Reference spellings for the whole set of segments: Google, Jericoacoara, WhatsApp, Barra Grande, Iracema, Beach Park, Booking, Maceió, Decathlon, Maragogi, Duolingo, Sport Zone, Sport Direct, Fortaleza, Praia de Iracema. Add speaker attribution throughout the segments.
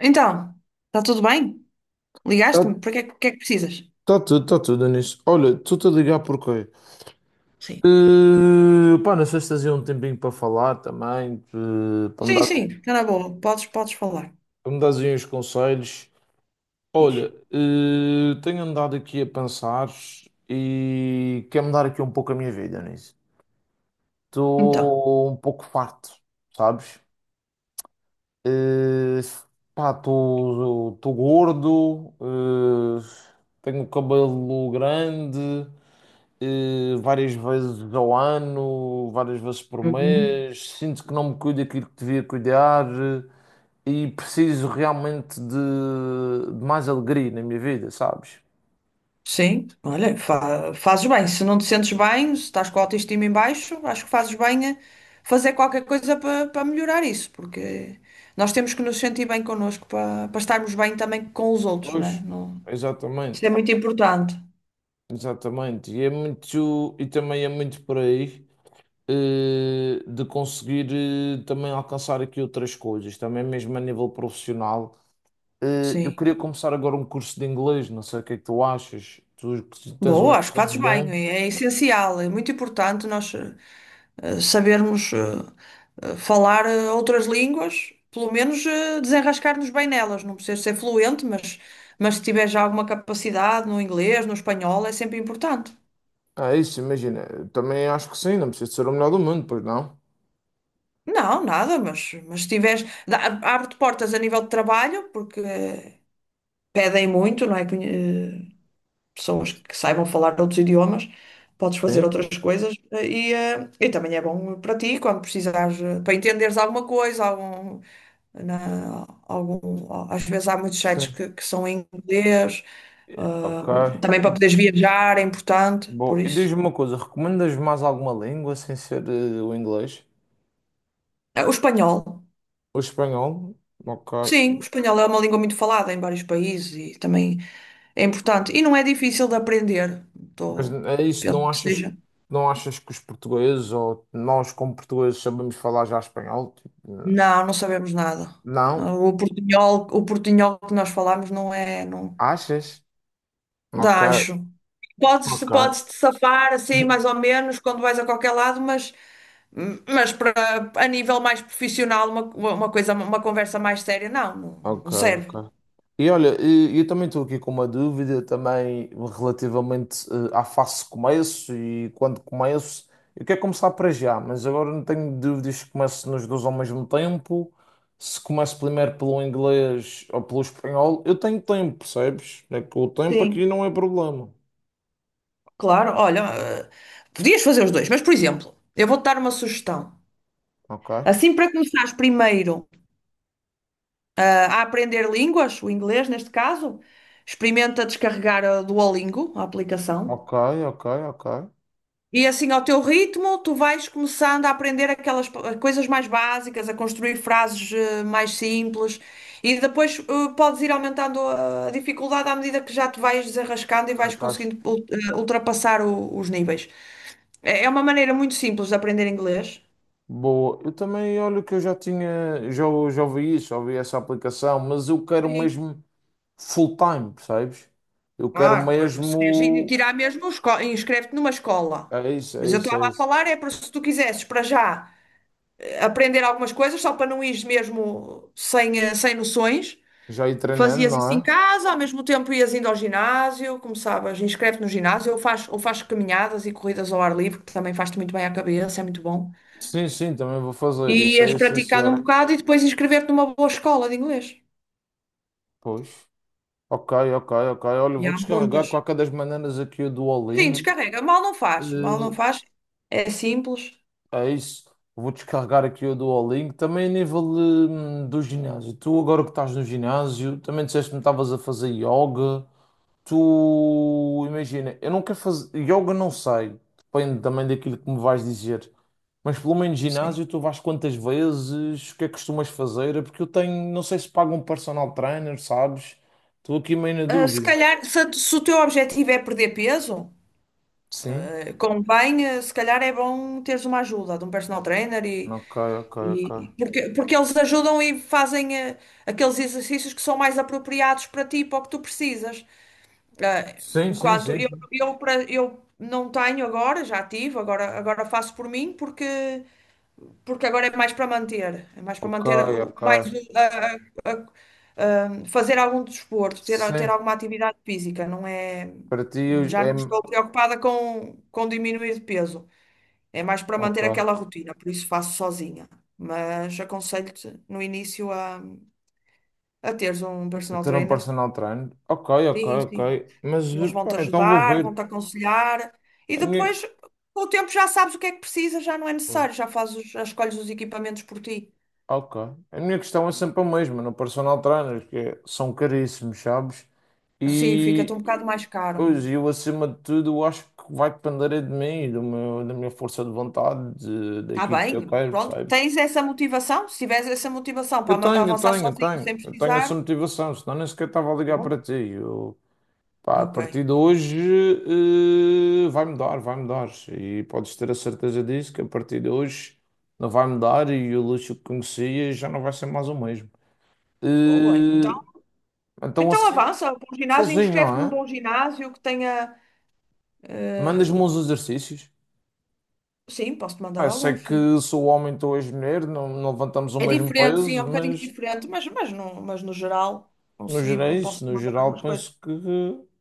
Speaker 1: Então, está tudo bem?
Speaker 2: Está
Speaker 1: Ligaste-me? Para que é que precisas?
Speaker 2: tá tudo, está tudo nisso. Olha, estou-te a ligar porquê?
Speaker 1: Sim.
Speaker 2: Pá, na sexta fazia um tempinho para falar também, para me
Speaker 1: Sim, sim, está na boa. Podes falar.
Speaker 2: dar aí uns conselhos. Olha,
Speaker 1: Diz.
Speaker 2: tenho andado aqui a pensar e quero mudar aqui um pouco a minha vida nisso.
Speaker 1: Então,
Speaker 2: Estou um pouco farto, sabes? Eh, Pá, estou gordo, tenho o cabelo grande. Eh, várias vezes ao ano, várias vezes por
Speaker 1: uhum.
Speaker 2: mês. Sinto que não me cuido daquilo que devia cuidar e preciso realmente de mais alegria na minha vida, sabes?
Speaker 1: Sim, olha, fazes bem. Se não te sentes bem, se estás com a autoestima em baixo, acho que fazes bem a fazer qualquer coisa para melhorar isso, porque nós temos que nos sentir bem connosco para estarmos bem também com os outros,
Speaker 2: Pois.
Speaker 1: né? Não. Isso
Speaker 2: Exatamente,
Speaker 1: é muito importante.
Speaker 2: exatamente. E é muito, e também é muito por aí, de conseguir, também alcançar aqui outras coisas, também mesmo a nível profissional. Eu
Speaker 1: Sim.
Speaker 2: queria começar agora um curso de inglês, não sei o que é que tu achas. Tu que tens um
Speaker 1: Boa, acho que fazes
Speaker 2: inglês
Speaker 1: bem.
Speaker 2: bom.
Speaker 1: É essencial, é muito importante nós sabermos falar outras línguas, pelo menos desenrascar-nos bem nelas. Não precisas ser fluente, mas se tiver já alguma capacidade no inglês, no espanhol, é sempre importante.
Speaker 2: Ah isso, imagina. Também acho que sim, não precisa de ser o melhor do mundo, pois não?
Speaker 1: Não, nada, mas se tiveres, abre-te portas a nível de trabalho, porque pedem muito, não é? Pessoas que saibam falar outros idiomas, podes fazer
Speaker 2: Sim,
Speaker 1: outras coisas e, e também é bom para ti quando precisares, para entenderes alguma coisa, às vezes há muitos sites
Speaker 2: sim.
Speaker 1: que são em inglês, ah,
Speaker 2: Ok.
Speaker 1: também para poderes
Speaker 2: E
Speaker 1: viajar é importante, por
Speaker 2: bom, e
Speaker 1: isso.
Speaker 2: diz-me uma coisa, recomendas mais alguma língua sem ser o inglês?
Speaker 1: Ah, o espanhol.
Speaker 2: O espanhol? Ok.
Speaker 1: Sim, o espanhol é uma língua muito falada em vários países e também é importante. E não é difícil de aprender.
Speaker 2: Mas
Speaker 1: Tô-
Speaker 2: é isso,
Speaker 1: penso que seja.
Speaker 2: não achas que os portugueses ou nós como portugueses sabemos falar já espanhol? Tipo,
Speaker 1: Não, não sabemos nada.
Speaker 2: não?
Speaker 1: Ah, o portunhol, o portunhol que nós falamos não é, não,
Speaker 2: Achas? Ok,
Speaker 1: dá, acho. Podes,
Speaker 2: ok.
Speaker 1: podes te safar assim mais ou menos quando vais a qualquer lado, mas para a nível mais profissional, uma coisa, uma conversa mais séria, não, não, não
Speaker 2: Ok,
Speaker 1: serve.
Speaker 2: ok. E olha, eu também estou aqui com uma dúvida também relativamente à fase de começo e quando começo. Eu quero começar para já, mas agora não tenho dúvidas se começo nos dois ao mesmo tempo, se começo primeiro pelo inglês ou pelo espanhol. Eu tenho tempo, percebes? É que o tempo aqui
Speaker 1: Sim,
Speaker 2: não é problema.
Speaker 1: claro. Olha, ah, podias fazer os dois, mas por exemplo, eu vou-te dar uma sugestão.
Speaker 2: Ok,
Speaker 1: Assim, para começares primeiro ah, a aprender línguas, o inglês neste caso, experimenta descarregar a Duolingo, a aplicação.
Speaker 2: ok, ok, ok.
Speaker 1: E assim, ao teu ritmo, tu vais começando a aprender aquelas coisas mais básicas, a construir frases mais simples, e depois podes ir aumentando a dificuldade à medida que já te vais desenrascando e
Speaker 2: Já
Speaker 1: vais
Speaker 2: estás.
Speaker 1: conseguindo ultrapassar os níveis. É uma maneira muito simples de aprender inglês.
Speaker 2: Boa, eu também olho que eu já ouvi isso, já ouvi essa aplicação, mas eu quero
Speaker 1: Sim.
Speaker 2: mesmo. Full time, percebes? Eu quero
Speaker 1: Ah, pois, mas se queres ir
Speaker 2: mesmo.
Speaker 1: tirar mesmo, inscreve-te numa escola.
Speaker 2: É isso, é
Speaker 1: Mas eu
Speaker 2: isso, é
Speaker 1: estava a
Speaker 2: isso.
Speaker 1: falar é para se tu quisesses para já aprender algumas coisas, só para não ires mesmo sem, sem noções.
Speaker 2: Já ir treinando,
Speaker 1: Fazias
Speaker 2: não
Speaker 1: isso em
Speaker 2: é?
Speaker 1: casa, ao mesmo tempo ias indo ao ginásio, começavas, inscreve-te no ginásio, ou faz caminhadas e corridas ao ar livre, que também faz-te muito bem à cabeça, é muito bom.
Speaker 2: Sim, sim, também vou
Speaker 1: E
Speaker 2: fazer. Isso é
Speaker 1: ias praticando um
Speaker 2: essencial.
Speaker 1: bocado e depois inscrever-te numa boa escola de inglês.
Speaker 2: Pois. Ok, ok, ok. Olha,
Speaker 1: E
Speaker 2: vou
Speaker 1: há
Speaker 2: descarregar
Speaker 1: muitas.
Speaker 2: de qualquer das maneiras aqui o
Speaker 1: Sim,
Speaker 2: Duolingo.
Speaker 1: descarrega, mal não
Speaker 2: Eh,
Speaker 1: faz, é simples,
Speaker 2: É isso. Vou descarregar aqui o Duolingo. Também a nível do ginásio. Tu agora que estás no ginásio, também disseste-me que estavas a fazer yoga. Tu imagina, eu não quero fazer. Yoga não sei. Depende também daquilo que me vais dizer. Mas pelo menos
Speaker 1: sim.
Speaker 2: ginásio tu vais quantas vezes? O que é que costumas fazer? Porque eu tenho, não sei se pago um personal trainer, sabes? Estou aqui meio na
Speaker 1: Ah, se
Speaker 2: dúvida.
Speaker 1: calhar, se, se o teu objetivo é perder peso,
Speaker 2: Sim?
Speaker 1: convém, se calhar é bom teres uma ajuda de um personal trainer e
Speaker 2: Ok, ok, ok.
Speaker 1: E, porque, porque eles ajudam e fazem aqueles exercícios que são mais apropriados para ti, para o que tu precisas. Eh,
Speaker 2: Sim, sim,
Speaker 1: enquanto
Speaker 2: sim, sim.
Speaker 1: eu não tenho agora, já tive, agora, agora faço por mim, porque, porque agora é mais para manter. É mais para
Speaker 2: Ok,
Speaker 1: manter, o-
Speaker 2: ok.
Speaker 1: mais o- a- a- a- fazer algum desporto, ter, ter
Speaker 2: Sim.
Speaker 1: alguma atividade física. Não é,
Speaker 2: Para ti é.
Speaker 1: já não estou preocupada com diminuir de peso. É mais para manter
Speaker 2: Ok.
Speaker 1: aquela rotina, por isso faço sozinha. Mas aconselho-te no início a teres um personal
Speaker 2: Ter um
Speaker 1: trainer.
Speaker 2: personal trainer. Ok, ok,
Speaker 1: Sim,
Speaker 2: ok.
Speaker 1: sim.
Speaker 2: Mas
Speaker 1: Eles
Speaker 2: pá,
Speaker 1: vão-te
Speaker 2: então vou
Speaker 1: ajudar,
Speaker 2: ver.
Speaker 1: vão-te aconselhar. E
Speaker 2: A minha...
Speaker 1: depois, com o tempo, já sabes o que é que precisas, já não é necessário, já fazes, já escolhes os equipamentos por ti.
Speaker 2: Ok. A minha questão é sempre a mesma no personal trainer, são caríssimos, sabes?
Speaker 1: Sim, fica-te um
Speaker 2: E
Speaker 1: bocado mais caro.
Speaker 2: pois, eu acima de tudo eu acho que vai depender é de mim, do meu, da minha força de vontade,
Speaker 1: Está
Speaker 2: daquilo que eu
Speaker 1: bem,
Speaker 2: quero,
Speaker 1: pronto.
Speaker 2: percebes?
Speaker 1: Tens essa motivação? Se tiveres essa motivação para avançar sozinho, sem
Speaker 2: Eu tenho essa
Speaker 1: precisar,
Speaker 2: motivação, senão nem sequer estava a ligar para
Speaker 1: bom,
Speaker 2: ti. Eu, pá, a
Speaker 1: ok.
Speaker 2: partir de hoje vai mudar. E podes ter a certeza disso, que a partir de hoje não vai mudar e o luxo que conhecia já não vai ser mais o mesmo.
Speaker 1: Boa, então.
Speaker 2: Eh, então
Speaker 1: Então
Speaker 2: assim,
Speaker 1: avança, para o ginásio,
Speaker 2: sozinho, não
Speaker 1: inscreve-te num
Speaker 2: é?
Speaker 1: bom ginásio que tenha.
Speaker 2: Mandas-me uns exercícios.
Speaker 1: Sim, posso-te mandar
Speaker 2: Ah, sei
Speaker 1: alguns, sim.
Speaker 2: que sou homem, estou és mulher não, não levantamos o
Speaker 1: É ok.
Speaker 2: mesmo
Speaker 1: Diferente, sim, é
Speaker 2: peso,
Speaker 1: um bocadinho
Speaker 2: mas
Speaker 1: diferente, mas no geral
Speaker 2: no geral,
Speaker 1: conseguimos, posso-te
Speaker 2: no
Speaker 1: mandar
Speaker 2: geral
Speaker 1: algumas coisas.
Speaker 2: penso que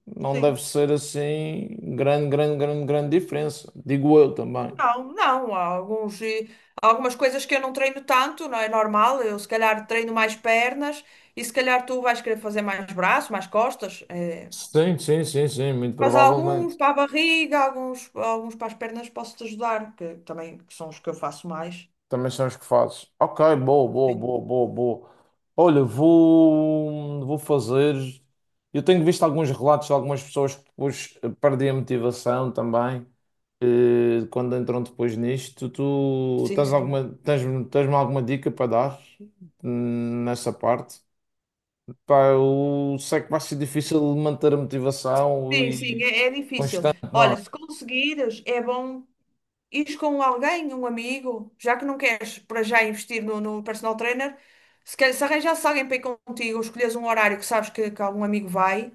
Speaker 2: não
Speaker 1: Sim.
Speaker 2: deve ser assim grande diferença. Digo eu também.
Speaker 1: Não, não, há alguns, há algumas coisas que eu não treino tanto, não é normal. Eu se calhar treino mais pernas e se calhar tu vais querer fazer mais braço, mais costas. É.
Speaker 2: Sim, sim, sim, sim, muito
Speaker 1: Mas há alguns
Speaker 2: provavelmente.
Speaker 1: para a barriga, alguns, alguns para as pernas posso-te ajudar, que também que são os que eu faço mais.
Speaker 2: Também são os que fazes. Ok,
Speaker 1: Sim,
Speaker 2: boa. Olha, vou fazer. Eu tenho visto alguns relatos de algumas pessoas que depois perdem a motivação também, quando entram depois nisto. Tu
Speaker 1: sim, sim.
Speaker 2: tens-me alguma dica para dar nessa parte? Pá, eu sei que vai ser difícil manter a motivação
Speaker 1: Sim, sim,
Speaker 2: e
Speaker 1: é, é difícil.
Speaker 2: constante, não
Speaker 1: Olha, se
Speaker 2: é?
Speaker 1: conseguires, é bom ires com alguém, um amigo, já que não queres para já investir no, no personal trainer, se, calhar, se arranjasse alguém para ir contigo, ou escolheres um horário que sabes que algum amigo vai,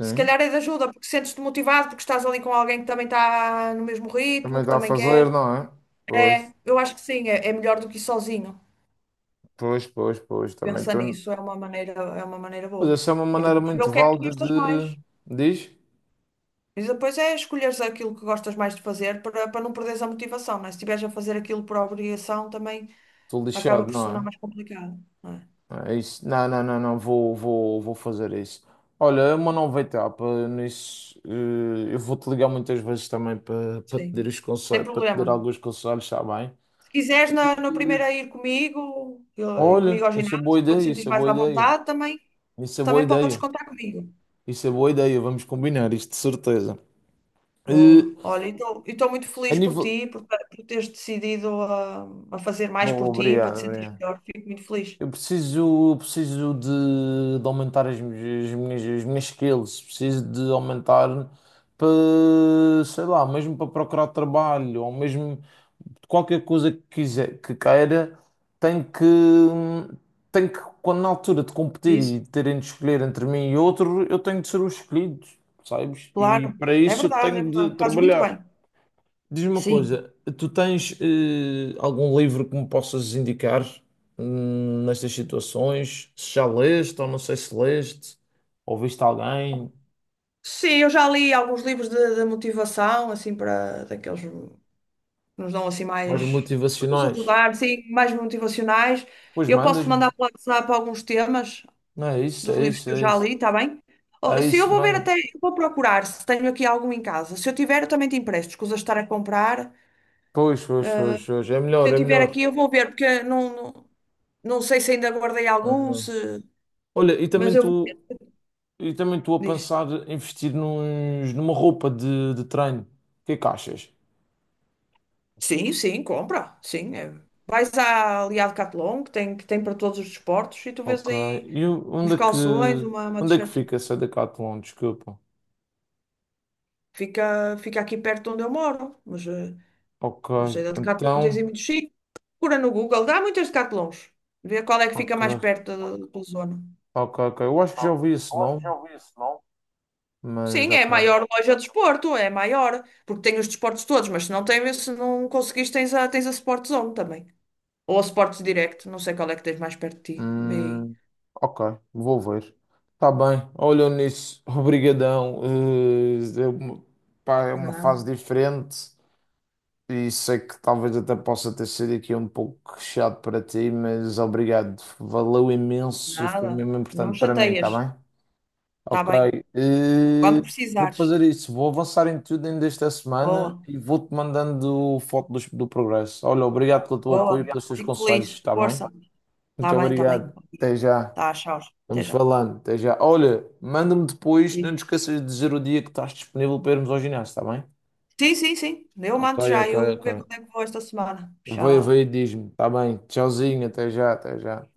Speaker 1: se calhar é de ajuda, porque sentes-te motivado, porque estás ali com alguém que também está no mesmo ritmo,
Speaker 2: Também
Speaker 1: que
Speaker 2: está a
Speaker 1: também
Speaker 2: fazer,
Speaker 1: quer.
Speaker 2: não é? Pois,
Speaker 1: Eu acho que sim, é, é melhor do que ir sozinho.
Speaker 2: pois, pois, pois. Também
Speaker 1: Pensa
Speaker 2: estou.
Speaker 1: nisso, é uma maneira
Speaker 2: Mas
Speaker 1: boa.
Speaker 2: essa é uma
Speaker 1: E
Speaker 2: maneira
Speaker 1: depois ver
Speaker 2: muito
Speaker 1: o que é que tu
Speaker 2: válida
Speaker 1: gostas mais.
Speaker 2: de. Diz?
Speaker 1: E depois é escolheres aquilo que gostas mais de fazer para, para não perderes a motivação, não é? Se estiveres a fazer aquilo por obrigação, também.
Speaker 2: Estou
Speaker 1: Acaba
Speaker 2: lixado,
Speaker 1: por se
Speaker 2: não
Speaker 1: tornar
Speaker 2: é?
Speaker 1: mais complicado, não é?
Speaker 2: É isso. Não, não, não, não, vou fazer isso. Olha, é uma nova etapa nisso. Eu vou-te ligar muitas vezes também para te dar
Speaker 1: Sim,
Speaker 2: os
Speaker 1: sem
Speaker 2: conselhos, para te dar
Speaker 1: problema.
Speaker 2: alguns conselhos, está bem?
Speaker 1: Se quiseres na, na
Speaker 2: Eh,
Speaker 1: primeira ir comigo, ir comigo
Speaker 2: Olha,
Speaker 1: ao ginásio, para te sentir
Speaker 2: isso é
Speaker 1: mais
Speaker 2: boa
Speaker 1: à
Speaker 2: ideia.
Speaker 1: vontade também,
Speaker 2: Isso é boa
Speaker 1: também podes
Speaker 2: ideia.
Speaker 1: contar comigo.
Speaker 2: Isso é boa ideia. Vamos combinar isto, de certeza. Eh,
Speaker 1: Boa. Olha, e estou muito
Speaker 2: A
Speaker 1: feliz por
Speaker 2: nível.
Speaker 1: ti, por teres decidido a fazer mais
Speaker 2: Bom,
Speaker 1: por ti, para te
Speaker 2: obrigado,
Speaker 1: sentir
Speaker 2: obrigado.
Speaker 1: melhor. Fico muito feliz.
Speaker 2: Eu preciso, eu preciso de aumentar as minhas skills, preciso de aumentar para, sei lá, mesmo para procurar trabalho, ou mesmo qualquer coisa que queira, tem que, tem que, quando na altura de competir
Speaker 1: Isso.
Speaker 2: e terem de escolher entre mim e outro, eu tenho de ser o escolhido, sabes?
Speaker 1: Claro,
Speaker 2: E para
Speaker 1: é
Speaker 2: isso eu
Speaker 1: verdade, é
Speaker 2: tenho de
Speaker 1: verdade. Fazes muito bem.
Speaker 2: trabalhar. Diz-me uma
Speaker 1: Sim.
Speaker 2: coisa, tu tens algum livro que me possas indicar nestas situações? Se já leste ou não sei se leste, ou viste alguém,
Speaker 1: Sim, eu já li alguns livros de motivação, assim, para daqueles. Que nos dão assim
Speaker 2: mais
Speaker 1: mais, para nos
Speaker 2: motivacionais?
Speaker 1: ajudar, sim, mais motivacionais.
Speaker 2: Pois
Speaker 1: Eu posso te
Speaker 2: mandas-me.
Speaker 1: mandar pelo WhatsApp alguns temas
Speaker 2: Não é isso,
Speaker 1: dos
Speaker 2: é
Speaker 1: livros
Speaker 2: isso,
Speaker 1: que eu
Speaker 2: é
Speaker 1: já
Speaker 2: isso.
Speaker 1: li, está bem?
Speaker 2: É
Speaker 1: Se eu
Speaker 2: isso,
Speaker 1: vou ver
Speaker 2: manda-me.
Speaker 1: até, eu vou procurar se tenho aqui algum em casa. Se eu tiver, eu também te empresto, escusa de estar a comprar.
Speaker 2: Pois, pois, pois, pois. É
Speaker 1: Se
Speaker 2: melhor,
Speaker 1: eu
Speaker 2: é
Speaker 1: tiver
Speaker 2: melhor.
Speaker 1: aqui, eu vou ver, porque não, não, não sei se ainda guardei algum, se...
Speaker 2: Uhum. Olha, e
Speaker 1: mas
Speaker 2: também
Speaker 1: eu vou.
Speaker 2: tu, e também estou a
Speaker 1: Diz.
Speaker 2: pensar em investir nos, numa roupa de treino. O que é que achas?
Speaker 1: Sim, sim, compra, sim. É. Vais à, ali à Decathlon, que tem para todos os desportos, e tu vês
Speaker 2: Ok.
Speaker 1: aí
Speaker 2: E o-
Speaker 1: uns
Speaker 2: onde é que,
Speaker 1: calções, uma
Speaker 2: onde é que
Speaker 1: t-shirt.
Speaker 2: fica essa Decathlon? Desculpa.
Speaker 1: Fica, fica aqui perto onde eu moro, mas,
Speaker 2: Ok.
Speaker 1: mas a Decathlon tens em
Speaker 2: Então.
Speaker 1: muitos sítios. Procura no Google, dá muitas Decathlons. Vê qual é que fica mais
Speaker 2: Ok.
Speaker 1: perto da, da tua zona.
Speaker 2: Ok, ok. Eu acho que já ouvi esse nome, mas
Speaker 1: Sim, é a
Speaker 2: ok.
Speaker 1: maior loja de desporto, é maior, porque tem os desportos todos, mas se não tem, se não conseguires, tens a, tens a Sport Zone também. Ou a Sport Direct, não sei qual é que tens mais perto de ti. Vê aí.
Speaker 2: Hum, ok. Vou ver. Tá bem. Olha nisso. Obrigadão. É uma, pá, é uma fase
Speaker 1: Nada,
Speaker 2: diferente. E sei que talvez até possa ter sido aqui um pouco chato para ti, mas obrigado. Valeu imenso e foi
Speaker 1: nada.
Speaker 2: mesmo
Speaker 1: Não
Speaker 2: importante para mim, tá
Speaker 1: chateias,
Speaker 2: bem?
Speaker 1: está
Speaker 2: Ok,
Speaker 1: bem? Quando
Speaker 2: eh, vou
Speaker 1: precisares.
Speaker 2: fazer isso. Vou avançar em tudo ainda esta semana
Speaker 1: Boa,
Speaker 2: e vou-te mandando foto do, do progresso. Olha, obrigado pelo teu
Speaker 1: boa.
Speaker 2: apoio e pelos teus
Speaker 1: Fico
Speaker 2: conselhos,
Speaker 1: feliz.
Speaker 2: está bem?
Speaker 1: Força. Está
Speaker 2: Muito
Speaker 1: bem, está bem.
Speaker 2: obrigado. Até já.
Speaker 1: Tá, tchau. Até
Speaker 2: Vamos
Speaker 1: já.
Speaker 2: falando. Até já. Olha, manda-me depois. Não te esqueças de dizer o dia que estás disponível para irmos ao ginásio, está bem?
Speaker 1: Sim, sim, sim. Eu
Speaker 2: Ok,
Speaker 1: mando já.
Speaker 2: ok,
Speaker 1: Eu vou
Speaker 2: ok.
Speaker 1: ver quando é que vou esta semana.
Speaker 2: Vai,
Speaker 1: Tchau.
Speaker 2: vai, diz-me. Está bem. Tchauzinho. Até já, até já.